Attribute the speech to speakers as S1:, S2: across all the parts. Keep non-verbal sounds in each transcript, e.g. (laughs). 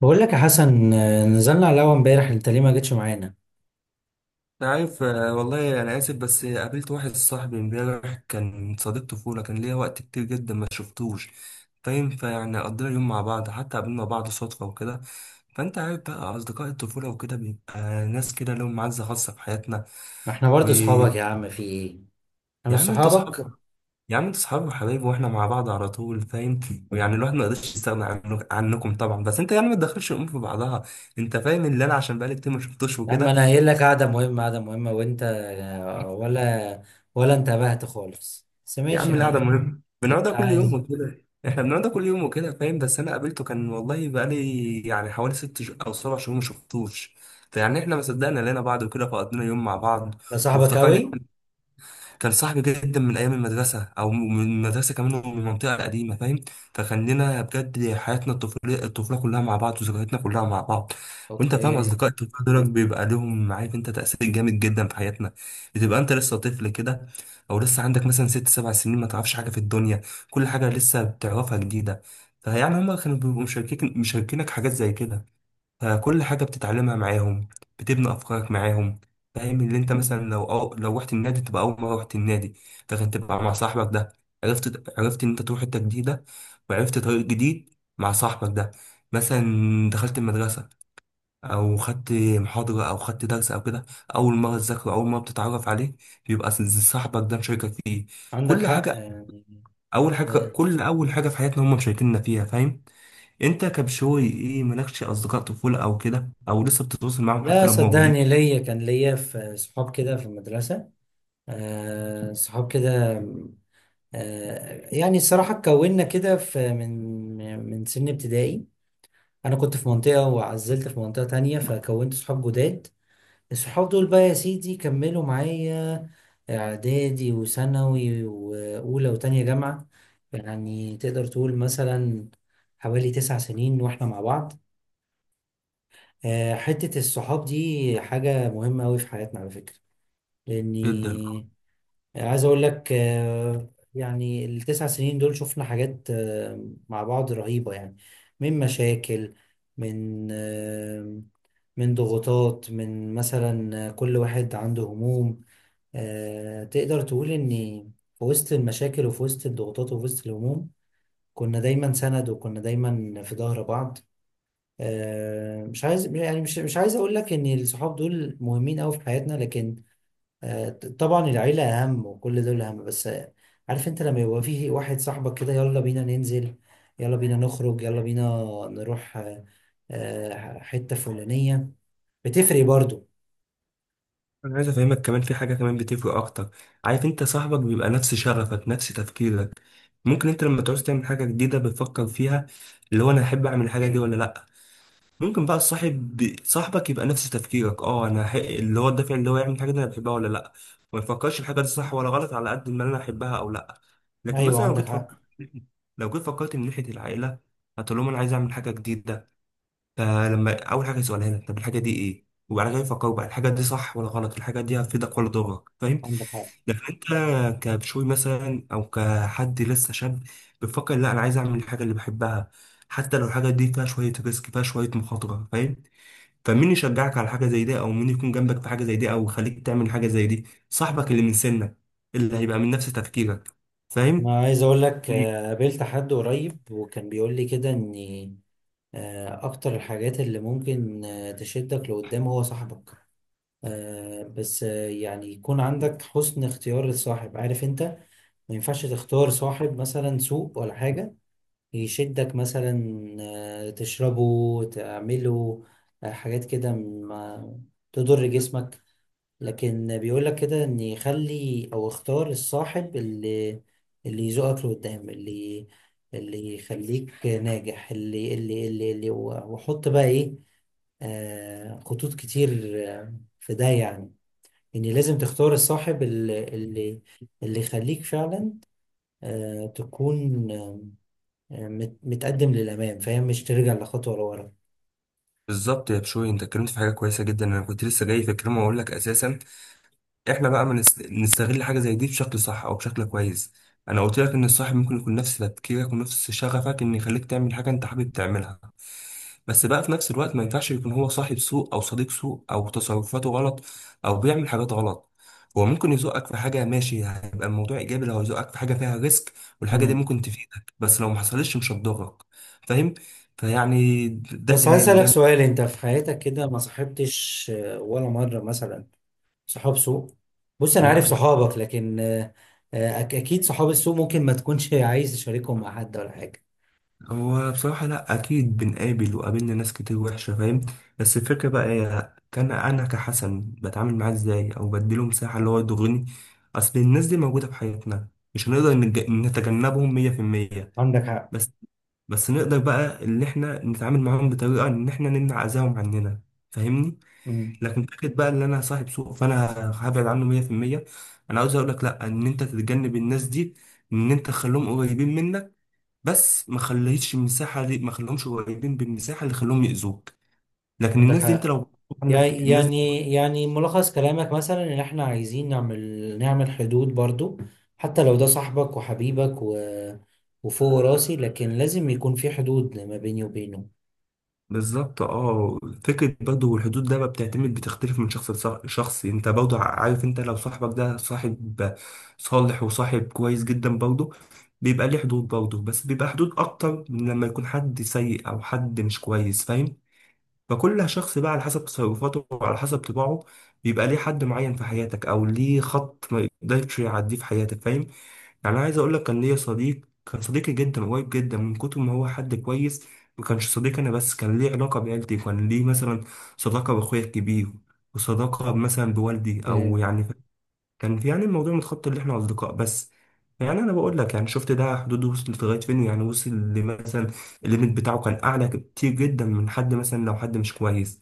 S1: بقول لك يا حسن، نزلنا على القهوة امبارح. انت ليه ما جيتش معانا؟
S2: أنا عارف، آه، والله أنا آسف. بس قابلت واحد صاحبي امبارح كان صديق طفولة كان ليا وقت كتير جدا ما شفتوش. فاهم، فيعني قضينا يوم مع بعض حتى قابلنا بعض صدفة وكده. فأنت عارف بقى أصدقاء الطفولة وكده بيبقى ناس كده لهم معزة خاصة في حياتنا.
S1: ما احنا برضه
S2: ويا
S1: صحابك يا عم، في ايه؟ انا مش
S2: عم أنت
S1: صحابك؟
S2: أصحاب، يا عم أنت أصحاب وحبايب وإحنا مع بعض على طول فاهم. ويعني الواحد ما يقدرش يستغنى عنكم طبعا، بس أنت يعني ما تدخلش الأمور في بعضها. أنت فاهم اللي أنا عشان بقالي كتير ما شفتوش
S1: يا عم
S2: وكده.
S1: انا قايل لك قعدة مهمة قعدة مهمة، وانت ولا انتبهت خالص. بس
S2: يا
S1: ماشي
S2: عم
S1: يا
S2: القعدة
S1: عم،
S2: مهمة
S1: اللي
S2: بنقعدها
S1: انت
S2: كل يوم
S1: عايز.
S2: وكده. احنا بنقعدها كل يوم وكده فاهم. بس انا قابلته، كان والله بقالي يعني حوالي ست او سبع شهور ما شفتوش. فيعني احنا ما صدقنا لقينا بعض وكده فقضينا يوم مع بعض
S1: ده صاحبك
S2: وافتكرنا.
S1: قوي؟
S2: كان صاحبي جدا من ايام المدرسه او من المدرسه كمان ومن المنطقه القديمه فاهم. فكان لنا بجد حياتنا الطفوليه، الطفوله كلها مع بعض وذكرياتنا كلها مع بعض. وانت فاهم
S1: اوكي.
S2: اصدقاء الطفوله دول بيبقى لهم، عارف انت، تاثير جامد جدا في حياتنا. بتبقى انت لسه طفل كده، او لسه عندك مثلا 6 7 سنين، ما تعرفش حاجه في الدنيا. كل حاجه لسه بتعرفها جديده. فيعني هما كانوا بيبقوا مشاركينك حاجات زي كده. فكل حاجة بتتعلمها معاهم، بتبني أفكارك معاهم. فاهم اللي انت مثلا لو، أو لو رحت النادي تبقى أول مرة رحت النادي، لكن تبقى مع صاحبك ده. عرفت إن أنت تروح حتة جديدة وعرفت طريق جديد مع صاحبك ده. مثلا دخلت المدرسة أو خدت محاضرة أو خدت درس أو كده، أول مرة تذاكره، أول مرة بتتعرف عليه، بيبقى صاحبك ده مشاركك فيه
S1: عندك
S2: كل
S1: حق
S2: حاجة.
S1: يعني.
S2: أول حاجة
S1: آه،
S2: كل أول حاجة في حياتنا هم مشاركيننا فيها فاهم. انت كبشوي ايه، مالكش اصدقاء طفولة او كده او لسه بتتواصل معاهم حتى
S1: لا
S2: لو موجودين؟
S1: صدقني، ليا كان ليا في صحاب كده في المدرسة، صحاب كده. يعني الصراحة اتكوننا كده في من سن ابتدائي. انا كنت في منطقه وعزلت في منطقه تانية، فكونت صحاب جداد. الصحاب دول بقى يا سيدي كملوا معايا اعدادي وثانوي واولى وتانية جامعه. يعني تقدر تقول مثلا حوالي تسع سنين واحنا مع بعض. حته الصحاب دي حاجه مهمه قوي في حياتنا على فكره.
S2: جدا.
S1: لاني يعني عايز اقول لك، يعني التسع سنين دول شفنا حاجات مع بعض رهيبة يعني. من مشاكل، من من ضغوطات، من مثلا كل واحد عنده هموم. تقدر تقول ان في وسط المشاكل وفي وسط الضغوطات وفي وسط الهموم، كنا دايما سند، وكنا دايما في ظهر بعض. مش عايز يعني مش عايز اقول لك ان الصحاب دول مهمين قوي في حياتنا، لكن طبعا العيلة أهم وكل دول أهم. بس عارف أنت، لما يبقى فيه واحد صاحبك كده، يلا بينا ننزل، يلا بينا نخرج، يلا بينا نروح حتة فلانية، بتفرق برضو.
S2: انا عايز افهمك كمان في حاجة كمان بتفرق اكتر. عارف انت صاحبك بيبقى نفس شغفك نفس تفكيرك. ممكن انت لما تعوز تعمل حاجة جديدة بتفكر فيها، اللي هو انا احب اعمل الحاجة دي ولا لا. ممكن بقى الصاحب صاحبك يبقى نفس تفكيرك، اه انا اللي هو الدافع اللي هو يعمل الحاجة دي انا بحبها ولا لا. ما يفكرش الحاجة دي صح ولا غلط على قد ما انا احبها او لا. لكن
S1: أيوة
S2: مثلا لو
S1: عندك
S2: جيت فكرت،
S1: حق.
S2: لو جيت فكرت من ناحية العائلة هتقول لهم انا عايز اعمل حاجة جديدة. فلما اول حاجه يسألها لك طب الحاجه دي ايه، وبعد كده يفكروا بقى الحاجه دي صح ولا غلط، الحاجه دي هتفيدك ولا تضرك فاهم.
S1: عندك حق.
S2: لكن انت كبشوي مثلا او كحد لسه شاب بتفكر لا انا عايز اعمل الحاجه اللي بحبها، حتى لو الحاجه دي فيها شويه ريسك، فيها شويه مخاطره فاهم. فمين يشجعك على حاجه زي دي، او مين يكون جنبك في حاجه زي دي، او يخليك تعمل حاجه زي دي؟ صاحبك اللي من سنك، اللي هيبقى من نفس تفكيرك فاهم.
S1: أنا عايز أقول لك، قابلت حد قريب وكان بيقول لي كده إن أكتر الحاجات اللي ممكن تشدك لقدام هو صاحبك. بس يعني يكون عندك حسن اختيار الصاحب، عارف أنت. ما ينفعش تختار صاحب مثلا سوق ولا حاجة، يشدك مثلا تشربه تعمله حاجات كده ما تضر جسمك. لكن بيقولك كده ان يخلي او اختار الصاحب اللي يزقك لقدام، اللي يخليك ناجح، اللي وحط بقى ايه، خطوط كتير آه، في ده. يعني ان لازم تختار الصاحب اللي يخليك فعلا تكون متقدم للأمام، فاهم؟ مش ترجع لخطوة لورا.
S2: بالظبط يا بشوي، انت اتكلمت في حاجه كويسه جدا. انا كنت لسه جاي في الكلام واقول لك اساسا، احنا بقى ما نستغل حاجه زي دي بشكل صح او بشكل كويس. انا قلت لك ان الصاحب ممكن يكون نفس تفكيرك ونفس شغفك، ان يخليك تعمل حاجه انت حابب تعملها. بس بقى في نفس الوقت ما ينفعش يكون هو صاحب سوء او صديق سوء او تصرفاته غلط او بيعمل حاجات غلط. هو ممكن يزقك في حاجه ماشي، هيبقى الموضوع ايجابي لو يزقك في حاجه فيها ريسك، والحاجه دي
S1: مم.
S2: ممكن تفيدك. بس لو ما حصلتش مش هتضرك فاهم. فيعني ده
S1: بس عايز
S2: تمام
S1: أسألك
S2: ده.
S1: سؤال، أنت في حياتك كده ما صاحبتش ولا مرة مثلا صحاب سوء؟ بص أنا
S2: لا،
S1: عارف صحابك، لكن أكيد صحاب السوء ممكن ما تكونش عايز تشاركهم مع حد ولا حاجة.
S2: هو بصراحة لأ، أكيد بنقابل وقابلنا ناس كتير وحشة فاهم. بس الفكرة بقى هي، كان أنا كحسن بتعامل معاه إزاي، أو بديله مساحة اللي هو يضرني. أصل الناس دي موجودة في حياتنا، مش هنقدر نتجنبهم 100%.
S1: عندك حق.
S2: بس بس نقدر بقى إن إحنا نتعامل معاهم بطريقة إن إحنا نمنع أذاهم عننا فاهمني.
S1: مم.
S2: لكن فكرة بقى إن أنا صاحب سوء فأنا هبعد عنه 100%، أنا عاوز أقولك لأ. إن أنت تتجنب الناس دي، إن أنت تخليهم قريبين منك، بس ما خليتش المساحه دي، ما خليهمش قريبين بالمساحه اللي خلوهم يأذوك. لكن
S1: عندك
S2: الناس دي انت
S1: حق.
S2: لو عندك
S1: يعني
S2: الناس دي.
S1: يعني ملخص كلامك مثلا ان احنا عايزين نعمل حدود برضو، حتى لو ده صاحبك وحبيبك، و... وفوق راسي، لكن لازم يكون في حدود ما بيني وبينه.
S2: بالظبط اه. فكره برضه، والحدود ده بقى بتعتمد بتختلف من شخص لشخص. انت برضه عارف انت لو صاحبك ده صاحب صالح وصاحب كويس جدا برضه، بيبقى ليه حدود برضه. بس بيبقى حدود اكتر من لما يكون حد سيء او حد مش كويس فاهم. فكل شخص بقى على حسب تصرفاته وعلى حسب طباعه، بيبقى ليه حد معين في حياتك، او ليه خط ما يقدرش يعديه في حياتك فاهم. يعني أنا عايز أقول لك كان ليا صديق كان صديقي جدا قريب جدا من كتر ما هو حد كويس. ما كانش صديق أنا بس، كان ليه علاقة بعيلتي، كان ليه مثلا صداقة بأخويا الكبير وصداقة مثلا بوالدي، أو
S1: آه،
S2: يعني كان في يعني الموضوع متخطى اللي إحنا أصدقاء بس. يعني أنا بقول لك يعني شفت ده حدوده وصلت لغاية فين، يعني وصل لمثلا الليميت بتاعه كان أعلى كتير جدا من حد مثلا لو حد مش كويس.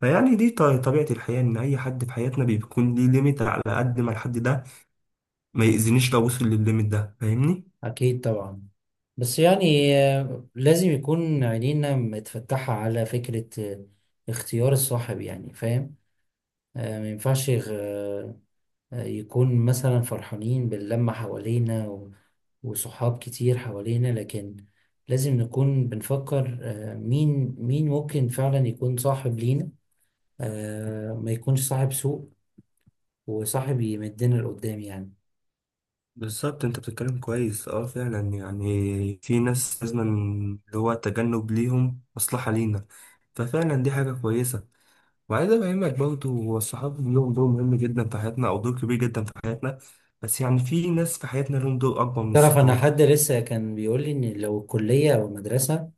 S2: فيعني دي طبيعة الحياة، إن أي حد في حياتنا بيكون ليه ليميت على قد ما الحد ده ما يأذينيش لو وصل للليميت ده فاهمني؟
S1: اكيد طبعا. بس يعني لازم يكون عينينا متفتحة على فكرة اختيار الصاحب، يعني فاهم. ما ينفعش يكون مثلا فرحانين باللمة حوالينا و- وصحاب كتير حوالينا، لكن لازم نكون بنفكر مين ممكن فعلا يكون صاحب لينا. ما يكونش صاحب سوء، وصاحب يمدنا لقدام يعني.
S2: بالظبط. انت بتتكلم كويس اه، فعلا يعني في ناس لازم اللي هو التجنب ليهم مصلحة لينا، ففعلا دي حاجة كويسة. وعايز افهمك برضه، هو الصحاب ليهم دور مهم جدا في حياتنا او دور كبير جدا في حياتنا، بس يعني في ناس في حياتنا لهم دور اكبر من
S1: تعرف، انا
S2: الصحاب.
S1: حد لسه كان بيقول لي ان لو الكليه او المدرسه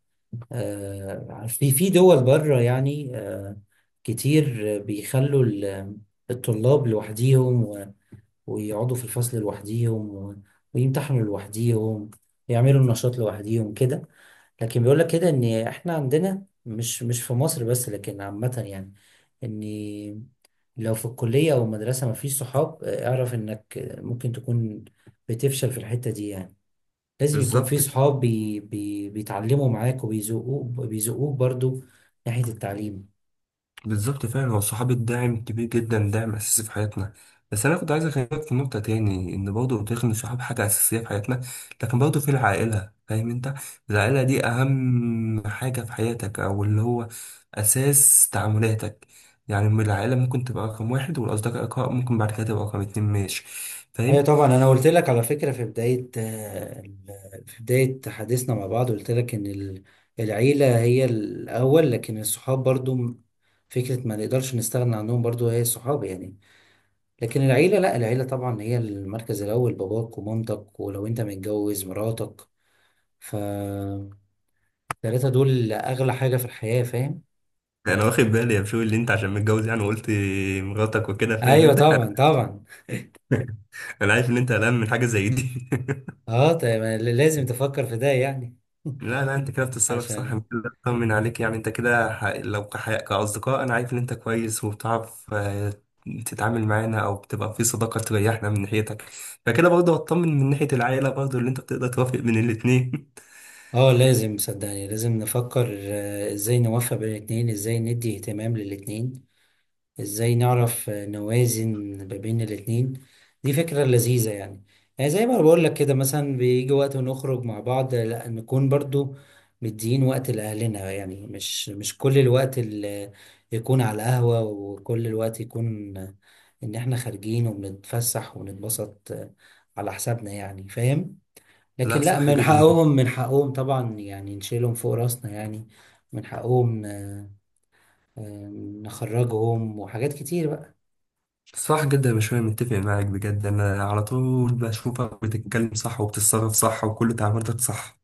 S1: في دول بره يعني، كتير بيخلوا ال- الطلاب لوحديهم، ويقعدوا في الفصل لوحديهم و- ويمتحنوا لوحديهم، يعملوا النشاط لوحديهم كده. لكن بيقول لك كده ان احنا عندنا مش في مصر بس، لكن عامة يعني، ان لو في الكلية او المدرسة مفيش صحاب، اعرف انك ممكن تكون بتفشل في الحتة دي يعني. لازم يكون في
S2: بالظبط.
S1: صحاب بي بي بيتعلموا معاك وبيزقوك، بيزقوك برضو ناحية التعليم.
S2: فعلا هو الصحابي الداعم كبير جدا، داعم اساسي في حياتنا. بس انا كنت عايز اكلمك في نقطه تاني، ان برضه قلت لك ان الصحاب حاجه اساسيه في حياتنا، لكن برضه في العائله فاهم انت. العائله دي اهم حاجه في حياتك، او اللي هو اساس تعاملاتك. يعني من العائله ممكن تبقى رقم 1، والاصدقاء ممكن بعد كده تبقى رقم 2 ماشي
S1: ايوه
S2: فاهم.
S1: طبعا، انا قلت لك على فكره في بدايه، في بدايه حديثنا مع بعض قلت لك ان ال- العيله هي الاول، لكن الصحاب برضو م- فكره ما نقدرش نستغنى عنهم برضو هي الصحاب يعني. لكن العيله لا، العيله طبعا هي المركز الاول، باباك ومامتك، ولو انت متجوز مراتك، فالثلاثه دول اغلى حاجه في الحياه فاهم.
S2: انا واخد بالي يا بشوي، اللي انت عشان متجوز يعني، وقلت مراتك وكده فاهم
S1: ايوه
S2: انت.
S1: طبعا
S2: (laughs)
S1: طبعا.
S2: انا عارف ان انت قلقان من حاجه زي دي.
S1: اه طيب، لازم تفكر في ده يعني. (laughs)
S2: لا لا، انت كده بتتصرف صح. انا
S1: عشان
S2: كده اطمن عليك، يعني انت كده لو كاصدقاء انا عارف ان انت كويس وبتعرف تتعامل معانا او بتبقى في صداقه تريحنا من ناحيتك. فكده برضه هطمن من ناحيه العائله برضه، اللي انت بتقدر توافق بين الاتنين.
S1: اه لازم، صدقني لازم نفكر ازاي نوفق بين الاتنين، ازاي ندي اهتمام للاتنين، ازاي نعرف نوازن ما بين الاتنين. دي فكرة لذيذة يعني. يعني زي ما بقول لك كده، مثلا بيجي وقت ونخرج مع بعض، لا نكون برضو مدين وقت لأهلنا يعني. مش كل الوقت اللي يكون على القهوة، وكل الوقت يكون إن إحنا خارجين وبنتفسح ونتبسط على حسابنا يعني، فاهم؟
S2: (laughs)
S1: لكن
S2: لا،
S1: لا،
S2: صح
S1: من
S2: جدا.
S1: حقهم، من حقهم طبعا يعني نشيلهم فوق راسنا يعني. من حقهم ن- نخرجهم، وحاجات كتير بقى.
S2: صح جدا، مش انا متفق معاك بجد. انا على طول بشوفك بتتكلم صح وبتتصرف صح وكل تعاملاتك صح.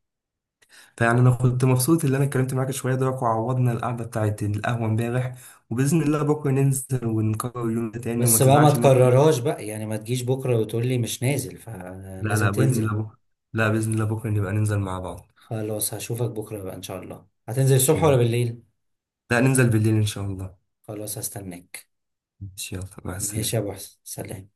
S2: فيعني انا كنت مبسوط ان انا اتكلمت معاك شويه دلوقتي وعوضنا القعده بتاعت القهوه امبارح. وباذن الله بكره ننزل ونكرر اليوم ده تاني، وما
S1: بس بقى ما
S2: تزعلش مني.
S1: تكررهاش بقى، يعني ما تجيش بكرة وتقول لي مش نازل،
S2: لا
S1: فلازم
S2: لا، باذن الله
S1: تنزل.
S2: بكره. لا باذن الله بكره نبقى ننزل مع بعض.
S1: خلاص، هشوفك بكرة بقى، إن شاء الله هتنزل
S2: ماشي،
S1: الصبح ولا
S2: يلا.
S1: بالليل؟
S2: لا ننزل بالليل ان شاء الله.
S1: خلاص هستناك.
S2: ماشي، يلا، مع
S1: ماشي يا
S2: السلامه.
S1: أبو حسن، سلام.